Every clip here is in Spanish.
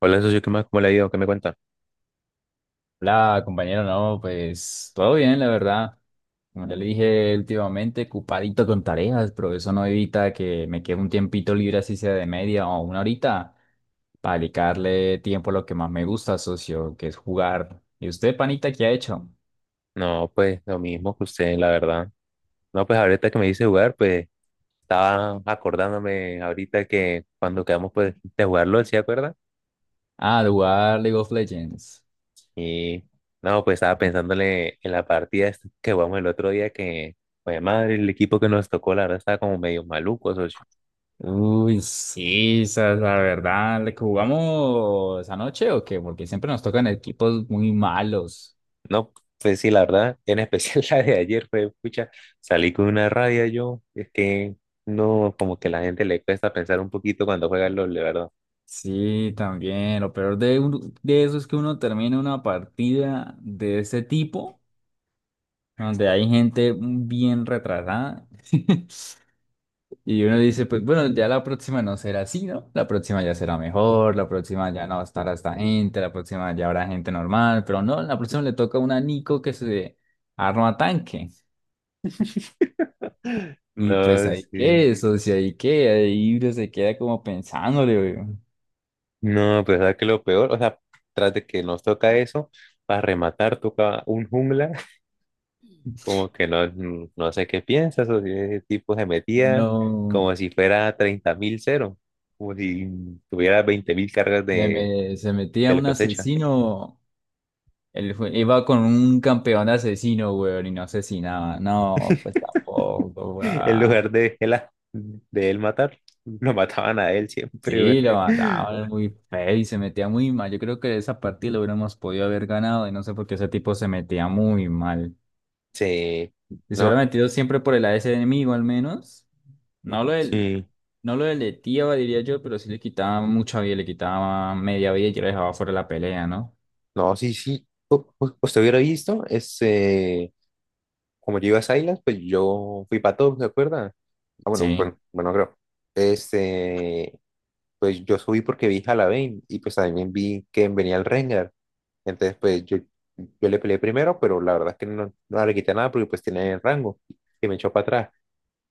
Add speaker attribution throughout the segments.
Speaker 1: Hola, socio, ¿qué más? ¿Cómo le ha ido? ¿Qué me cuenta?
Speaker 2: Hola, compañero, no, pues todo bien, la verdad. Como ya le dije últimamente, ocupadito con tareas, pero eso no evita que me quede un tiempito libre, así sea de media o una horita, para dedicarle tiempo a lo que más me gusta, socio, que es jugar. ¿Y usted, panita, qué ha hecho?
Speaker 1: No, pues lo mismo que usted, la verdad. No, pues ahorita que me dice jugar, pues estaba acordándome ahorita que cuando quedamos pues de jugarlo, ¿sí acuerda?
Speaker 2: Ah, de jugar League of Legends.
Speaker 1: Y no, pues estaba pensándole en la partida esta que jugamos el otro día que, pues madre, el equipo que nos tocó, la verdad, estaba como medio maluco, socio.
Speaker 2: Uy, sí, esa es la verdad. ¿Le jugamos anoche o qué? Porque siempre nos tocan equipos muy malos.
Speaker 1: No, pues sí, la verdad, en especial la de ayer fue, pucha, salí con una rabia yo, es que no, como que la gente le cuesta pensar un poquito cuando juega LOL, de verdad.
Speaker 2: Sí, también. Lo peor de eso es que uno termina una partida de ese tipo, donde hay gente bien retrasada, y uno dice, pues bueno, ya la próxima no será así, ¿no? La próxima ya será mejor, la próxima ya no estará esta gente, la próxima ya habrá gente normal, pero no, la próxima le toca a una Nico que se arma tanque. Y pues
Speaker 1: No,
Speaker 2: ahí
Speaker 1: sí.
Speaker 2: que eso, si ahí que, ahí uno se queda como pensándole, güey.
Speaker 1: No, pero ¿sabes qué es lo peor? O sea, tras de que nos toca eso, para rematar toca un jungla, como que no, no sé qué piensas, o si ese tipo se metía
Speaker 2: No,
Speaker 1: como si fuera 30.000 cero, como si tuviera 20.000 cargas de,
Speaker 2: se
Speaker 1: de
Speaker 2: metía
Speaker 1: la
Speaker 2: un
Speaker 1: cosecha,
Speaker 2: asesino. Iba con un campeón asesino, weón, y no asesinaba. No, pues tampoco,
Speaker 1: en
Speaker 2: weón.
Speaker 1: lugar de él, de él matar, lo mataban a él siempre, güey.
Speaker 2: Sí, lo mataban muy feo y se metía muy mal. Yo creo que esa partida lo hubiéramos podido haber ganado y no sé por qué ese tipo se metía muy mal.
Speaker 1: Sí,
Speaker 2: Y se hubiera
Speaker 1: no,
Speaker 2: metido siempre por el AS enemigo al menos. No lo del,
Speaker 1: sí,
Speaker 2: no lo deleteaba, diría yo, pero sí le quitaba mucha vida, le quitaba media vida y ya lo dejaba fuera de la pelea, ¿no?
Speaker 1: no, sí, sí. ¿Usted hubiera visto ese... como yo iba a esa isla, pues yo fui para todos, ¿se acuerdan? Ah, bueno,
Speaker 2: Sí,
Speaker 1: bueno, bueno, creo. Este, pues yo subí porque vi Halloween y pues también vi que venía el Rengar. Entonces, pues yo le peleé primero, pero la verdad es que no, no le quité nada porque pues tiene rango y me echó para atrás.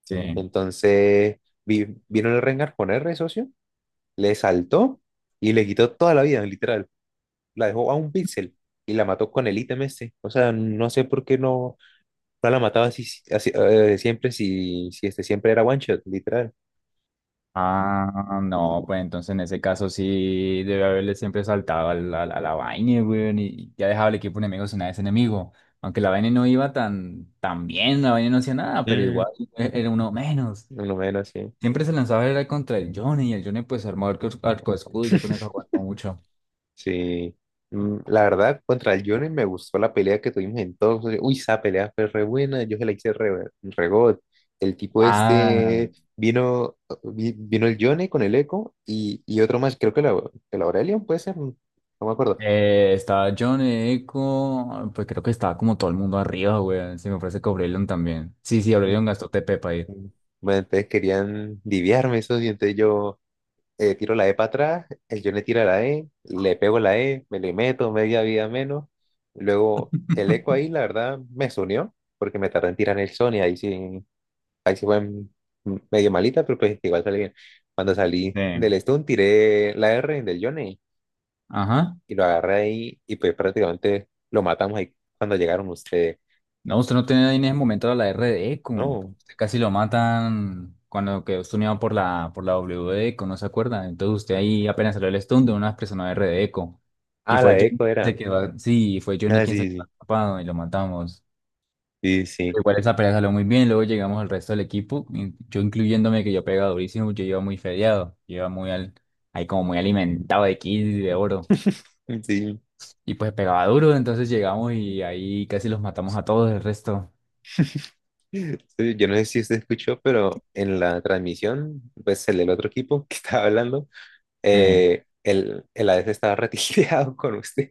Speaker 2: sí.
Speaker 1: Entonces, vino el Rengar con R, socio, le saltó y le quitó toda la vida, literal. La dejó a un píxel y la mató con el ítem ese. O sea, no sé por qué no, no la mataba así, si, así siempre, si este siempre era one shot, literal.
Speaker 2: Ah, no, pues entonces en ese caso sí debe haberle siempre saltado a la vaina, weón, y ya dejaba el equipo enemigo sin nada de ese enemigo. Aunque la vaina no iba tan bien, la vaina no hacía nada, pero
Speaker 1: Mm,
Speaker 2: igual era uno menos.
Speaker 1: Más menos, sí.
Speaker 2: Siempre se lanzaba era contra el Johnny, y el Johnny pues armó arco escudo y ya con eso aguantó mucho.
Speaker 1: Sí. La verdad, contra el Johnny me gustó la pelea que tuvimos en todos. Uy, esa pelea fue re buena, yo se la hice re, re god. El tipo
Speaker 2: Ah,
Speaker 1: este vino, vino el Johnny con el Echo y otro más, creo que el Aurelion puede ser, no me acuerdo.
Speaker 2: estaba John Eco, pues creo que estaba como todo el mundo arriba, weón. Se me parece que Aurelion también. Sí, sí,
Speaker 1: Mm,
Speaker 2: Aurelion gastó TP para ir.
Speaker 1: mm. Bueno, entonces querían diviarme eso y entonces yo. Tiro la E para atrás, el John le tira la E, le pego la E, me le meto media vida menos. Luego el eco ahí, la verdad, me unió, porque me tardé en tirar el Sony, ahí sí fue medio malita, pero pues igual salí bien. Cuando salí del
Speaker 2: Sí.
Speaker 1: stun, tiré la R del Johnny
Speaker 2: Ajá.
Speaker 1: y lo agarré ahí y pues prácticamente lo matamos ahí cuando llegaron ustedes.
Speaker 2: No, usted no tenía en ese momento la RDE, como
Speaker 1: No,
Speaker 2: usted casi lo matan cuando quedó stuneado por la WD, ¿no se acuerda? Entonces usted ahí apenas salió el stun de una persona de RDE. Y
Speaker 1: ah, la
Speaker 2: fue
Speaker 1: de
Speaker 2: Johnny
Speaker 1: eco
Speaker 2: quien se
Speaker 1: era.
Speaker 2: quedó, sí, fue Johnny
Speaker 1: Ah,
Speaker 2: quien se quedó
Speaker 1: sí,
Speaker 2: atrapado y lo matamos.
Speaker 1: sí, sí, sí.
Speaker 2: Pero igual esa pelea salió muy bien, luego llegamos al resto del equipo, in- yo incluyéndome que yo pegaba durísimo, yo iba muy fedeado, yo iba muy al, ahí como muy alimentado de kills y de oro.
Speaker 1: Sí,
Speaker 2: Y pues pegaba duro, entonces llegamos y ahí casi los matamos a todos el resto.
Speaker 1: sí, yo no sé si usted escuchó, pero en la transmisión, pues el del otro equipo que estaba hablando,
Speaker 2: Sí.
Speaker 1: el ADC estaba retileado con usted.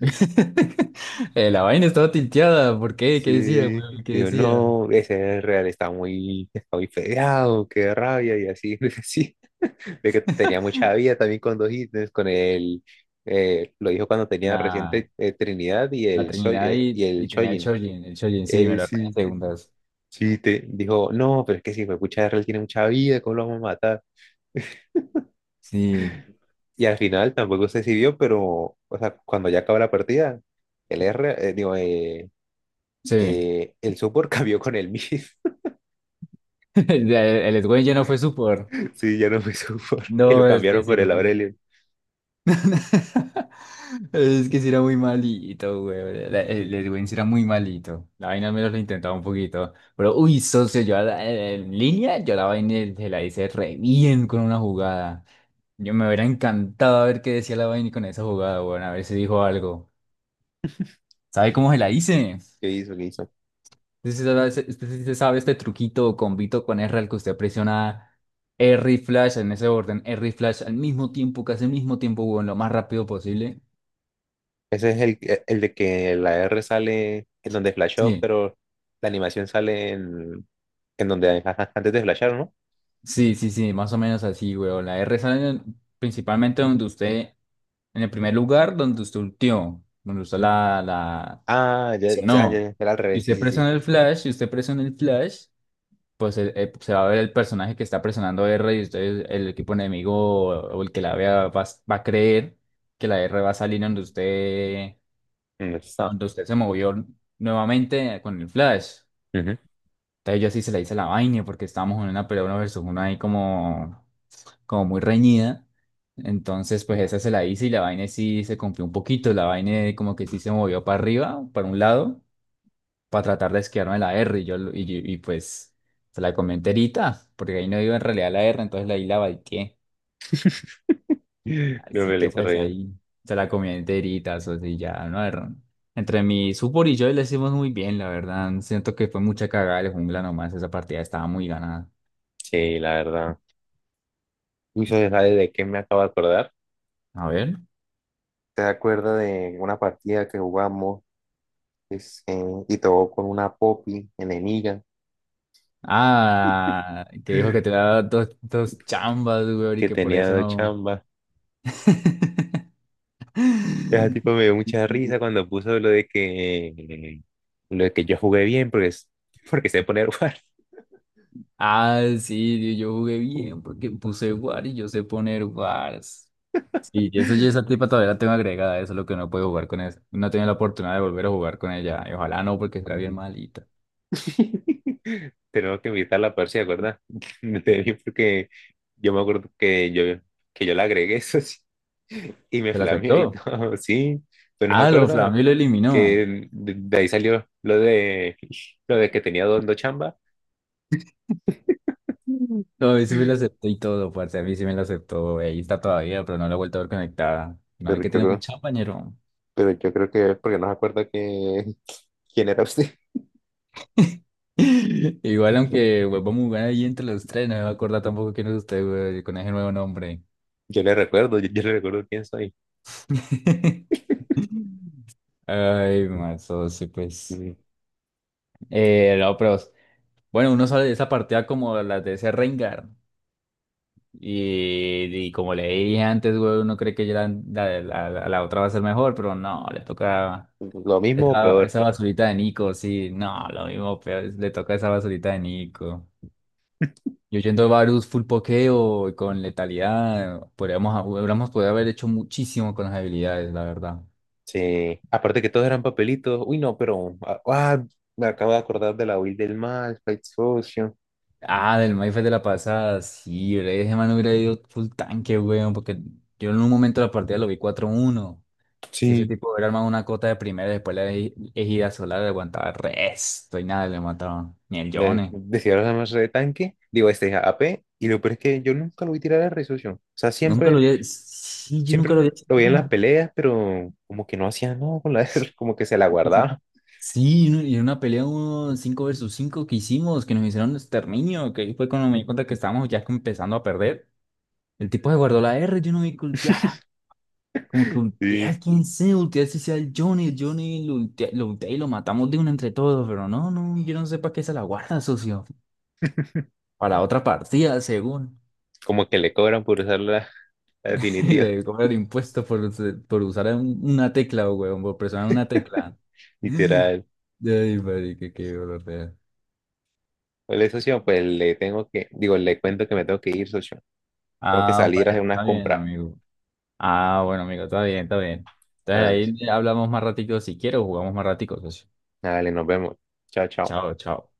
Speaker 2: La vaina estaba tilteada. ¿Por qué? ¿Qué decía,
Speaker 1: Sí.
Speaker 2: weón? ¿Qué
Speaker 1: Digo,
Speaker 2: decía?
Speaker 1: no, ese Real está muy fedeado, qué rabia, y así, así. De que tenía mucha vida también con dos ítems, lo dijo cuando tenía
Speaker 2: La,
Speaker 1: reciente Trinidad y
Speaker 2: la Trinidad
Speaker 1: y
Speaker 2: y,
Speaker 1: el
Speaker 2: y tenía el
Speaker 1: Chojin.
Speaker 2: Chojin. El Chojin, sí, me lo arruiné en
Speaker 1: Sí.
Speaker 2: segundas.
Speaker 1: Sí, te dijo, no, pero es que si fue pucha Real tiene mucha vida, ¿cómo lo vamos a matar?
Speaker 2: Sí,
Speaker 1: Y al final tampoco se decidió, pero, o sea, cuando ya acaba la partida, digo,
Speaker 2: sí.
Speaker 1: el support cambió con el mid.
Speaker 2: El Edwin ya no fue por...
Speaker 1: Sí, ya no fue support. Y lo
Speaker 2: No, es que
Speaker 1: cambiaron
Speaker 2: sí,
Speaker 1: por el
Speaker 2: lo que...
Speaker 1: Aurelion.
Speaker 2: Es que sí era muy malito, güey. El Edwin sí era muy malito. La vaina al menos lo intentaba un poquito. Pero, uy, socio, yo en línea, yo la vaina se la hice re bien con una jugada. Yo me hubiera encantado a ver qué decía la vaina con esa jugada, bueno, a ver si dijo algo. ¿Sabe cómo se la hice?
Speaker 1: ¿Qué hizo? ¿Qué hizo?
Speaker 2: Usted sí sabe, usted sí se sabe este truquito o combito con R al que usted presiona R y Flash en ese orden, R y Flash al mismo tiempo, casi al mismo tiempo, weón, lo más rápido posible.
Speaker 1: Ese es el de que la R sale en donde flashó,
Speaker 2: Sí,
Speaker 1: pero la animación sale en donde antes de flashar, ¿no?
Speaker 2: sí, más o menos así, weón. La R sale en- Principalmente donde usted, en el primer lugar, donde usted ultió, donde usted
Speaker 1: Ah, ya,
Speaker 2: Sí.
Speaker 1: ya, ya,
Speaker 2: No.
Speaker 1: ya, era al
Speaker 2: Y
Speaker 1: revés, sí,
Speaker 2: usted
Speaker 1: sí, sí.
Speaker 2: presiona el flash, pues se va a ver el personaje que está presionando R y entonces el equipo enemigo o el que la vea va a creer que la R va a salir
Speaker 1: Eso está.
Speaker 2: donde usted se movió nuevamente con el flash.
Speaker 1: Ujú.
Speaker 2: Entonces yo así se la hice la vaina porque estábamos en una pelea uno versus uno ahí como muy reñida. Entonces pues esa se la hice y la vaina sí se cumplió un poquito. La vaina como que sí se movió para arriba, para un lado para tratar de esquivarme de la R. Y, yo, lo- y, yo- y pues se la comí enterita, porque ahí no iba en realidad la R, entonces ahí la balqué.
Speaker 1: Lo
Speaker 2: Así
Speaker 1: que le
Speaker 2: que
Speaker 1: hice re
Speaker 2: pues
Speaker 1: bien.
Speaker 2: ahí se la comí enterita, eso sí, ya, no Era- entre mi supor y yo le hicimos muy bien, la verdad. Siento que fue mucha cagada de jungla nomás, esa partida estaba muy ganada.
Speaker 1: Sí, la verdad. Uy, ¿sabes de qué me acabo de acordar?
Speaker 2: A ver.
Speaker 1: ¿Te acuerda de una partida que jugamos es, eh, y todo con una Poppy enemiga
Speaker 2: Ah, que dijo que te daba dos chambas, güey, y
Speaker 1: que
Speaker 2: que por
Speaker 1: tenía
Speaker 2: eso
Speaker 1: dos
Speaker 2: no.
Speaker 1: chambas? Ese tipo me dio mucha risa cuando puso lo de que yo jugué bien porque, porque sé poner guardia.
Speaker 2: Ah, sí, yo jugué bien porque puse War y yo sé poner Wars. Sí, y eso ya esa tipa todavía la tengo agregada, eso es lo que no puedo jugar con esa. No he tenido la oportunidad de volver a jugar con ella. Y ojalá no, porque está bien malita.
Speaker 1: Tenemos que invitarla a Percy, ¿verdad? Porque yo me acuerdo que que yo la agregué, eso sí, y me
Speaker 2: ¿Se la
Speaker 1: flameó y
Speaker 2: aceptó?
Speaker 1: todo, sí, pues no se
Speaker 2: Ah, lo
Speaker 1: acuerda.
Speaker 2: Flamio lo eliminó.
Speaker 1: Que de ahí salió lo de que tenía dos chamba.
Speaker 2: Mm. No, a mí sí me la aceptó y todo, parce. A mí sí me la aceptó. Ahí está todavía, pero no la he vuelto a ver conectada. No, hay
Speaker 1: Pero yo,
Speaker 2: que tiene
Speaker 1: creo-
Speaker 2: mucho compañero.
Speaker 1: pero yo creo que es porque no se acuerda que, quién era usted.
Speaker 2: Igual, aunque pues, vamos a jugar ahí entre los tres, no me va a acordar tampoco quién es usted, güey, con ese nuevo nombre.
Speaker 1: Yo le recuerdo, yo le recuerdo quién soy.
Speaker 2: Ay, mazo, sí, pues.
Speaker 1: Mm,
Speaker 2: No, pero bueno, uno sale de esa partida como las de ese Rengar. Y como le dije antes, güey, uno cree que ya la otra va a ser mejor, pero no, le toca
Speaker 1: Lo mismo o peor.
Speaker 2: esa basurita de Nico, sí, no, lo mismo, pero le toca esa basurita de Nico. Yo yendo a Varus full pokeo y con letalidad, podríamos, hubiéramos podido haber hecho muchísimo con las habilidades, la verdad.
Speaker 1: Sí, aparte que todos eran papelitos. Uy, no, pero ah, ah, me acabo de acordar de la Will del Mal, Fight Social.
Speaker 2: Ah, del Mayfair de la pasada, sí, bre, ese man hubiera ido full tanque, weón, porque yo en un momento de la partida lo vi 4-1. Si ese
Speaker 1: Sí.
Speaker 2: tipo hubiera armado una cota de primera, después ejida solar le aguantaba resto y nada, le mataban. Ni el Yone.
Speaker 1: Decía los demás de tanque, digo, este AP, y lo peor es que yo nunca lo vi tirar a Red. O sea,
Speaker 2: Nunca lo
Speaker 1: siempre.
Speaker 2: había. Sí, yo
Speaker 1: Siempre
Speaker 2: nunca lo
Speaker 1: lo
Speaker 2: había hecho
Speaker 1: lo veía en las
Speaker 2: nada.
Speaker 1: peleas, pero como que no hacía nada con la R, como que se la
Speaker 2: O sea,
Speaker 1: guardaba.
Speaker 2: sí, en una pelea uno 5 versus 5 que hicimos, que nos hicieron exterminio, que ahí fue cuando me di cuenta que estábamos ya empezando a perder. El tipo se guardó la R, yo no vi cultear. Como que
Speaker 1: Sí.
Speaker 2: ultea, quién sé, ultea si sea el Johnny lo ultea y lo matamos de una entre todos, pero no, yo no sé para qué se la guarda, socio. Para otra partida, según.
Speaker 1: Como que le cobran por usar la
Speaker 2: Y
Speaker 1: definitiva,
Speaker 2: le cobran impuestos por, por usar una tecla, weón, por presionar una tecla.
Speaker 1: literal.
Speaker 2: Ay, marica, qué dolor de ver.
Speaker 1: Hola, socio, pues le tengo que, digo, le cuento que me tengo que ir, socio. Tengo que
Speaker 2: Ah,
Speaker 1: salir a
Speaker 2: bueno,
Speaker 1: hacer unas
Speaker 2: está bien,
Speaker 1: compras.
Speaker 2: amigo. Ah, bueno, amigo, está bien, está bien.
Speaker 1: Ah, sí.
Speaker 2: Entonces ahí hablamos más ratico si quiero, jugamos más ratico, socio.
Speaker 1: Dale, nos vemos. Chao, chao.
Speaker 2: Chao, chao.